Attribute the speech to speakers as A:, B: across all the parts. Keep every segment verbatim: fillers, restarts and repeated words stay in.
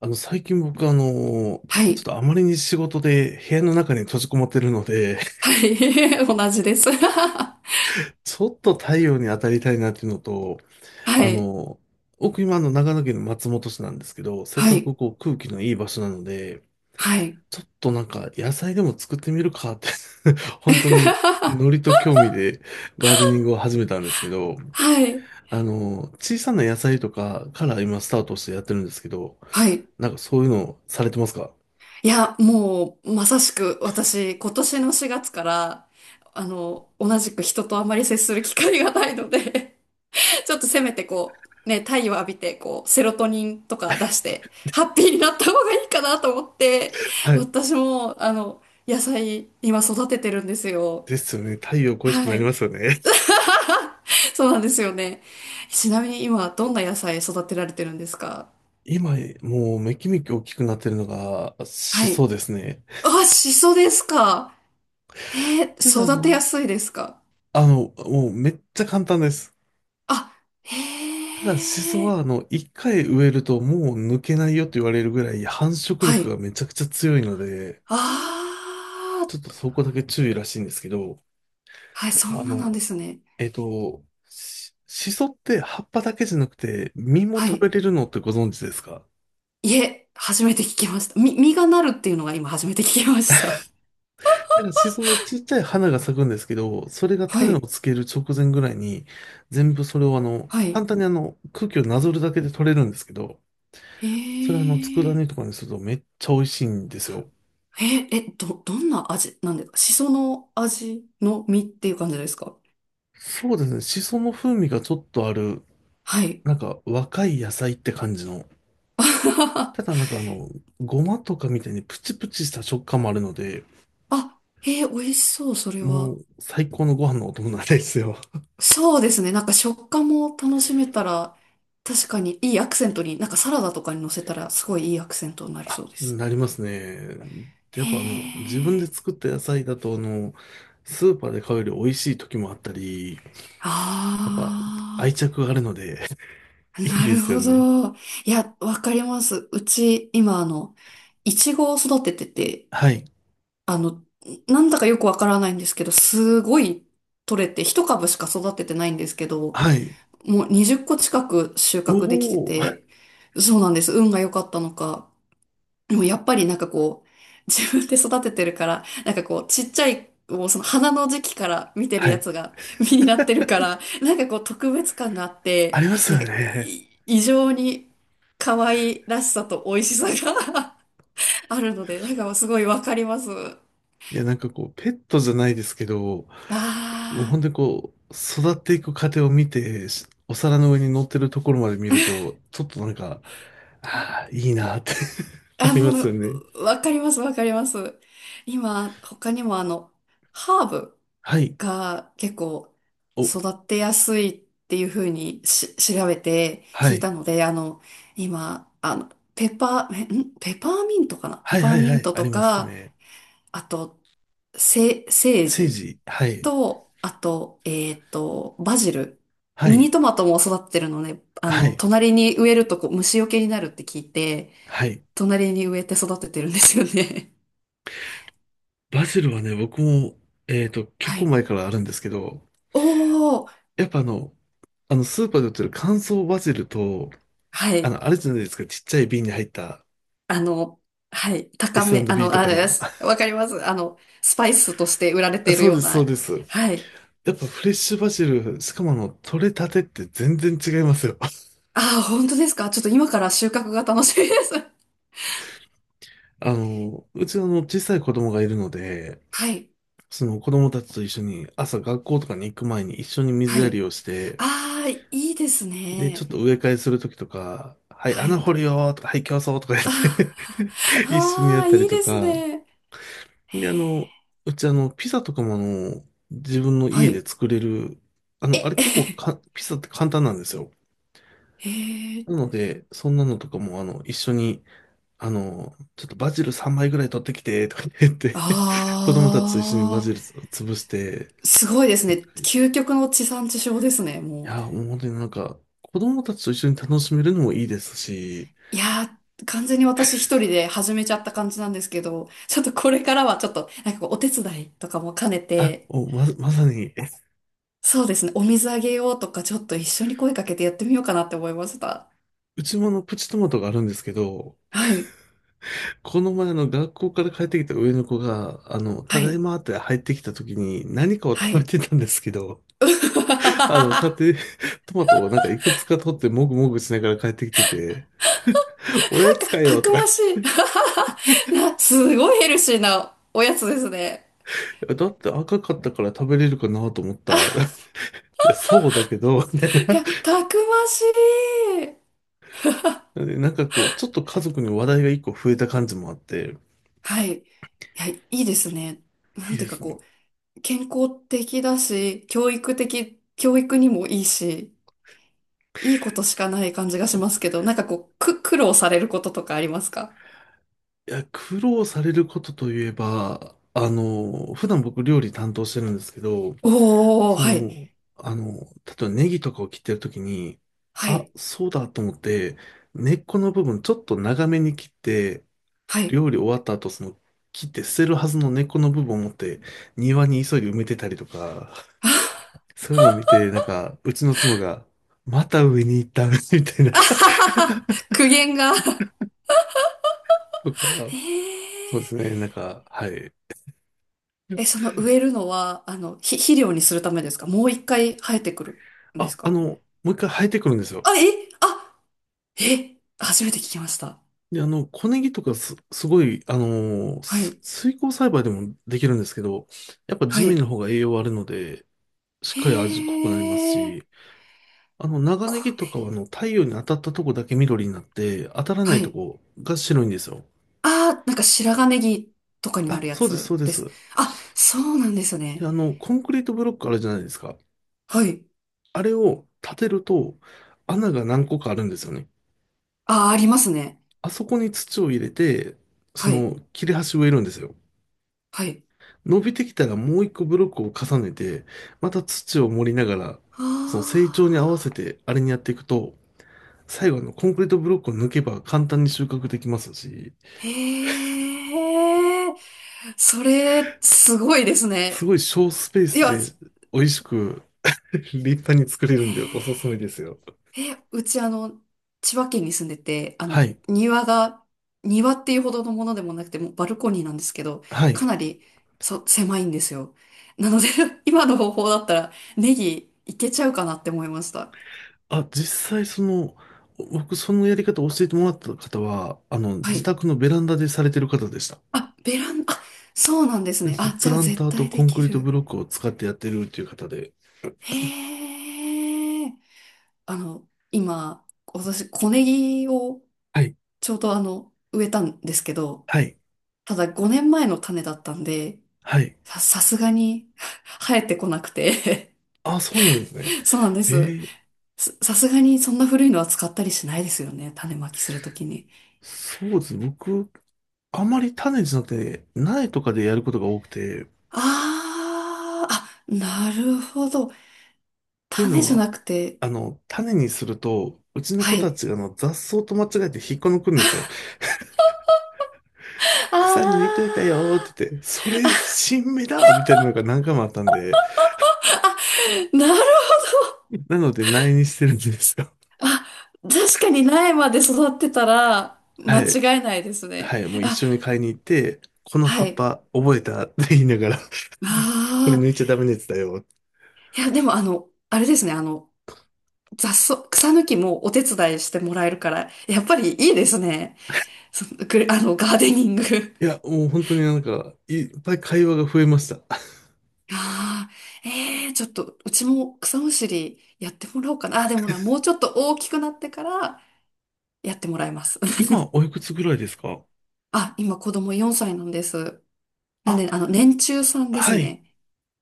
A: あの、最近僕あの、
B: は
A: ちょっ
B: い。
A: とあまりに仕事で部屋の中に閉じこもってるので、
B: はい。同じです。は
A: ちょっと太陽に当たりたいなっていうのと、あ
B: い。
A: の、僕今あの長野県の松本市なんですけど、せっ
B: は
A: かく
B: い。
A: こう空気のいい場所なので、
B: はい。
A: ちょっとなんか野菜でも作ってみるかって 本当にノリ と興味でガーデニングを始めたんですけど、
B: はい。
A: あの、小さな野菜とかから今スタートしてやってるんですけど、
B: はい。
A: なんかそういうのされてますか？
B: いや、もう、まさしく、私、今年のしがつから、あの、同じく人とあまり接する機会がないので ちょっとせめてこう、ね、太陽浴びて、こう、セロトニンとか出して、ハッピーになった方がいいかなと思って、
A: はい。
B: 私も、あの、野菜、今育ててるんですよ。
A: ですよね。太陽恋しく
B: は
A: なり
B: い。
A: ますよね。
B: そうなんですよね。ちなみに今、どんな野菜育てられてるんですか？
A: 今、もうめきめき大きくなってるのが、シ
B: はい。
A: ソですね。
B: あ、シソですか。へえ、
A: ただ、あ
B: 育て
A: の、
B: やすいですか？
A: あの、もうめっちゃ簡単です。
B: あ、
A: ただ、シソ
B: へえ。
A: は、あの、一回植えるともう抜けないよと言われるぐらい繁殖
B: は
A: 力
B: い。
A: がめちゃくちゃ強いので、
B: あ
A: ちょっと
B: ー、
A: そこだけ注意らしいんですけど、
B: はい、そ
A: あ
B: んななん
A: の、
B: ですね。
A: えっと、シしって葉っぱだけじゃなくて、実も
B: は
A: 食
B: い。
A: べれるのってご存知ですか？
B: いえ、初めて聞きました。み、実がなるっていうのが今初めて聞きました。
A: なんか、シソのちっちゃい花が咲くんですけど、それが
B: は
A: 種を
B: い。
A: つける直前ぐらいに、全部それをあの、
B: は
A: 簡
B: い。
A: 単にあの、空気をなぞるだけで取れるんですけど、
B: へ
A: それあの、佃
B: え。
A: 煮とかにするとめっちゃ美味しいんですよ。
B: え、え、ど、どんな味なんですか？シソの味の実っていう感じですか？
A: そうですね、シソの風味がちょっとある、
B: はい。
A: なんか若い野菜って感じの、ただ なんかあの、ごまとかみたいにプチプチした食感もあるので、
B: あ、えー、美味しそう、それ
A: も
B: は。
A: う最高のご飯のお供なんですよ。
B: そうですね。なんか食感も楽しめたら、確かにいいアクセントに、なんかサラダとかに乗せたら、すごいいいアクセントになり
A: あ、
B: そうです。
A: なりますね。でやっ
B: へ
A: ぱあの、自分で
B: え。
A: 作った野菜だと、あの、スーパーで買うより美味しい時もあったり、やっぱ
B: あ
A: 愛着があるので、
B: あ、
A: いい
B: な
A: で
B: る
A: すよ
B: ほ
A: ね。
B: ど。いや、わかります。うち、今、あの、いちごを育ててて、
A: はい。
B: あの、なんだかよくわからないんですけど、すごい取れて、ひとかぶしか育ててないんですけど、
A: はい。
B: もうにじゅっこ近く収
A: お
B: 穫できて
A: お。
B: て、そうなんです。運が良かったのか。でもやっぱりなんかこう、自分で育ててるから、なんかこう、ちっちゃい、もうその花の時期から見てる
A: は
B: や
A: い。
B: つが 実になってるから、なんかこう特別感があっ
A: あ
B: て、
A: ります
B: なん
A: よ
B: か
A: ね。
B: い異常に可愛らしさと美味しさが あるので、なんかすごいわかります。
A: いや、なんかこう、ペットじゃないですけど、もう
B: あ
A: 本当にこう、育っていく過程を見て、しお皿の上に乗ってるところまで見ると、ちょっとなんか、ああ、いいなって
B: ー、
A: あ
B: あ、
A: りま
B: も
A: すよね。
B: う、わかります、わかります。今、他にもあの、ハーブ
A: はい。
B: が結構
A: お、
B: 育ってやすいっていうふうにし調べて
A: は
B: 聞い
A: い。
B: たので、あの、今、あの、ペパー、えんペパーミントかなペ
A: はい
B: パ
A: は
B: ー
A: い
B: ミ
A: は
B: ン
A: い。
B: ト
A: あ
B: と
A: ります
B: か、
A: ね。
B: あと、せ、セー
A: セー
B: ジ
A: ジ、はい、
B: と、あと、えっと、バジル。
A: は
B: ミニ
A: い、
B: トマトも育ってるのね、あ
A: は
B: の、
A: い、
B: 隣に植えるとこう虫除けになるって聞いて、
A: はい。
B: 隣に植えて育ててるんですよね。
A: バジルはね、僕も、えっと、結
B: は
A: 構
B: い。
A: 前からあるんですけど、
B: おー、
A: やっぱあの、あの、スーパーで売ってる乾燥バジルと、
B: は
A: あ
B: い。
A: の、あれじゃないですか、ちっちゃい瓶に入った
B: あの、はい、高め、あ
A: エスアンドビー
B: の、
A: と
B: あ
A: か
B: れで
A: の、
B: す。わかります。あの、スパイスとして売られ
A: あ、
B: ている
A: そう
B: よ
A: で
B: う
A: す、そう
B: な。
A: です。や
B: はい。
A: っぱフレッシュバジル、しかもあの、取れたてって全然違いますよ。
B: ああ、本当ですか。ちょっと今から収穫が楽しみです。
A: あの、うちはあの、小さい子供がいるので、
B: はい。
A: その子供たちと一緒に朝学校とかに行く前に一緒に
B: は
A: 水や
B: い。
A: りをして、
B: ああ、いいです
A: で、ちょ
B: ね。
A: っと植え替えするときとか、はい、
B: は
A: 穴
B: い。
A: 掘るよーとか、はい、競争とか言って
B: あ
A: 一緒にや
B: あ、
A: っ
B: あー、
A: たり
B: いい
A: と
B: です
A: か、
B: ね。へ
A: で、あの、
B: ー、
A: うちあの、ピザとかもあの、自分の
B: は
A: 家で
B: い。
A: 作れる、あの、あれ結構
B: え、
A: か、ピザって簡単なんですよ。
B: へえ。
A: なので、そんなのとかもあの、一緒に、あの、ちょっとバジルさんまいぐらい取ってきて、とか言って 子供たちと一緒にバ
B: あ
A: ジル潰して
B: あ、すごいです
A: 作っ
B: ね。
A: たり。い
B: 究極の地産地消ですね、もう。
A: や、もう本当になんか、子供たちと一緒に楽しめるのもいいですし、
B: いやー、完全に私一人で始めちゃった感じなんですけど、ちょっとこれからはちょっと、なんかこうお手伝いとかも兼ね
A: あ、
B: て、
A: お、ま、まさに、
B: そうですね、お水あげようとか、ちょっと一緒に声かけてやってみようかなって思いました。
A: うちもあの、プチトマトがあるんですけど、
B: はい、
A: この前あの、学校から帰ってきた上の子が、あの、た
B: は
A: だい
B: い、
A: まって入ってきた時に何かを
B: は
A: 食べ
B: い。
A: てたんですけど、あの、買っ
B: た
A: て、トマトをなんかいくつか取ってもぐもぐしながら帰ってきてて、おやつか
B: くた
A: よ
B: く
A: とか、
B: ましい な、すごいヘルシーなおやつですね。
A: だって赤かったから食べれるかなと思った。いや、そうだけど、みたい
B: い
A: な。
B: や、たくましい。
A: なんかこう、ちょっと家族に話題が一個増えた感じもあって、
B: はい。いや、いいですね。な
A: い
B: ん
A: い
B: て
A: で
B: いうか
A: すね。
B: こう、健康的だし、教育的、教育にもいいし、いいことしかない感じがしますけど、なんかこう、く、苦労されることとかありますか？
A: いや、苦労されることといえば、あの、普段僕料理担当してるんですけど、
B: おー、
A: そ
B: はい、
A: の、あの、例えばネギとかを切ってるときに、
B: は
A: あ、
B: い、
A: そうだと思って、根っこの部分ちょっと長めに切って、
B: はい。
A: 料理終わった後、その、切って捨てるはずの根っこの部分を持って、庭に急いで埋めてたりとか、そういうのを見て、なんか、うちの妻が、また上に行った みたい な、
B: あは はは、苦言が。
A: とか、
B: へ
A: そうです
B: ー、
A: ね、なんか、はい。
B: え、その植えるのは、あの、ひ肥料にするためですか？もういっかい生えてくるんで
A: あ、
B: す
A: あ
B: か？
A: の、もう一回生えてくるんですよ。
B: あ、え、あ、え、初めて聞きました。
A: で、あの、小ネギとかす、すごい、あのー
B: は
A: す
B: い、
A: 水耕栽培でもできるんですけど、やっぱ地
B: は
A: 面の
B: い。
A: 方が栄養あるので、しっかり味濃
B: へ
A: くなりますし、
B: ー、
A: あの、長
B: こう
A: ネギとか
B: ね、
A: は、あの、太陽に当たったとこだけ緑になって、当たらな
B: は
A: いと
B: い。
A: こが白いんですよ。
B: ああ、なんか白髪ネギとかにな
A: あ、
B: るや
A: そうです、そ
B: つ
A: うで
B: です。
A: す。
B: あ、そうなんです
A: で、
B: ね。
A: あの、コンクリートブロックあるじゃないですか。
B: はい。
A: あれを立てると、穴が何個かあるんですよね。
B: ああ、ありますね。
A: あそこに土を入れて、そ
B: はい。
A: の、切れ端植えるんですよ。
B: はい。
A: 伸びてきたらもう一個ブロックを重ねて、また土を盛りながら、
B: あ
A: その成長に合わせ
B: あ、
A: てあれにやっていくと、最後あのコンクリートブロックを抜けば簡単に収穫できますし、
B: へえ、それ、すごいです
A: す
B: ね。
A: ごい小スペー
B: い
A: ス
B: や、
A: で美味しく 立派に作れるんでおすすめですよ。
B: え、うちあの、千葉県に住んでて、あ
A: は
B: の、
A: い。
B: 庭が、庭っていうほどのものでもなくて、もうバルコニーなんですけど、
A: は
B: か
A: い。
B: なり、そう、狭いんですよ。なので 今の方法だったら、ネギいけちゃうかなって思いました。
A: あ、実際その、僕そのやり方を教えてもらった方は、あの、
B: は
A: 自
B: い。
A: 宅のベランダでされてる方でした。
B: あ、ベランダ、あ、そうなんです
A: で、
B: ね。
A: その
B: あ、じ
A: プ
B: ゃあ
A: ランタ
B: 絶
A: ーと
B: 対
A: コ
B: で
A: ンク
B: き
A: リート
B: る。
A: ブロックを使ってやってるっていう方で。
B: へえ。あの、今、私、小ネギを
A: はい。
B: ちょうどあの、植えたんですけど、
A: はい。
B: ただごねんまえの種だったんで、
A: はい。
B: さ、さすがに 生えてこなくて
A: あ、そうなんですね。
B: そうなんで
A: え
B: す。
A: ー
B: さ、さすがにそんな古いのは使ったりしないですよね。種まきするときに。
A: そうですね。僕、あまり種じゃなくて、苗とかでやることが多くて、っ
B: あー、あ、なるほど。
A: ていう
B: 種
A: の
B: じゃ
A: は、
B: なくて、
A: あの、種にすると、うちの
B: は
A: 子た
B: い。
A: ちがあの雑草と間違えて引っこ抜くんですよ。
B: あ
A: 草抜いといたよーっ
B: ー、
A: て言って、それ、新芽だみたいなのが何回もあったんで、
B: なるほ
A: なので苗にしてるんですよ。
B: ど。確かに苗まで育ってたら
A: は
B: 間
A: い。
B: 違いないです
A: は
B: ね。
A: い。もう一
B: あ、
A: 緒に買いに行って、この
B: は
A: 葉っ
B: い。
A: ぱ覚えたって言いながら、これ
B: ああ、
A: 抜いちゃダメなやつだよ。
B: いや、でもあの、あれですね、あの、雑草、草抜きもお手伝いしてもらえるから、やっぱりいいですね。その、くあの、ガーデニング。
A: いや、もう本当になんか、いっぱい会話が増えました。
B: ああ、ええー、ちょっと、うちも草むしりやってもらおうかな。あ、でもな、もうちょっと大きくなってからやってもらいます。
A: 今、お いくつぐらいですか？
B: あ、今子供よんさいなんです。なん
A: あ、
B: で、あの、年中さんです
A: はい。
B: ね。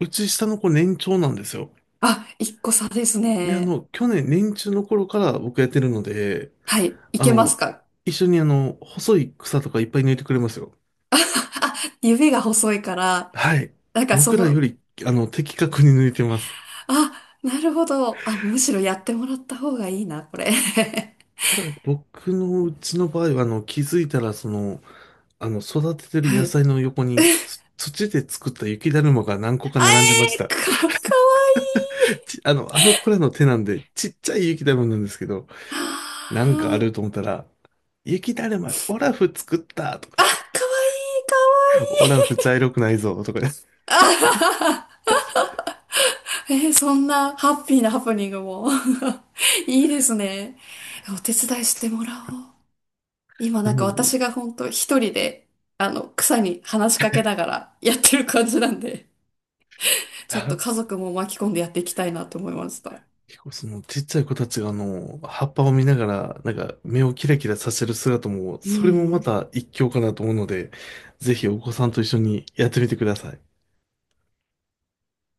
A: うち下の子年長なんですよ。
B: あ、いっこさです
A: で、あ
B: ね。
A: の、去年年中の頃から僕やってるので、
B: はい。い
A: あ
B: けます
A: の、
B: か？
A: 一緒にあの、細い草とかいっぱい抜いてくれますよ。
B: あ、指が細いから、
A: はい。
B: なんかそ
A: 僕らよ
B: の、
A: り、あの、的確に抜いてます。
B: あ、なるほど。あ、むしろやってもらった方がいいな、これ。
A: ただ、僕のうちの場合は、あの、気づいたら、その、あの、育ててる
B: は
A: 野
B: い。
A: 菜の横に、つ土で作った雪だるまが何個か
B: あ
A: 並んでまし
B: え
A: た。
B: ー、か、かわいい。
A: ち、あの、あの子らの手なんで、ちっちゃい雪だるまなんですけど、
B: は
A: なんかある
B: あ
A: と思ったら、雪だるま、オラフ作ったとか
B: あ、かわいい、か
A: 言って、オラフ
B: わいい。
A: 茶色くないぞとかです
B: あははは、えー、そんなハッピーなハプニングも いいですね。お手伝いしてもらおう。今 な
A: な
B: んか
A: ので、
B: 私が本当一人で、あの、草に話しかけながらやってる感じなんで、ちょっと
A: あ
B: 家族も巻き込んでやっていきたいなと思いました。
A: 結構そのちっちゃい子たちがあの、葉っぱを見ながら、なんか目をキラキラさせる姿も、
B: う
A: それもま
B: ん。
A: た一興かなと思うので、ぜひお子さんと一緒にやってみてください。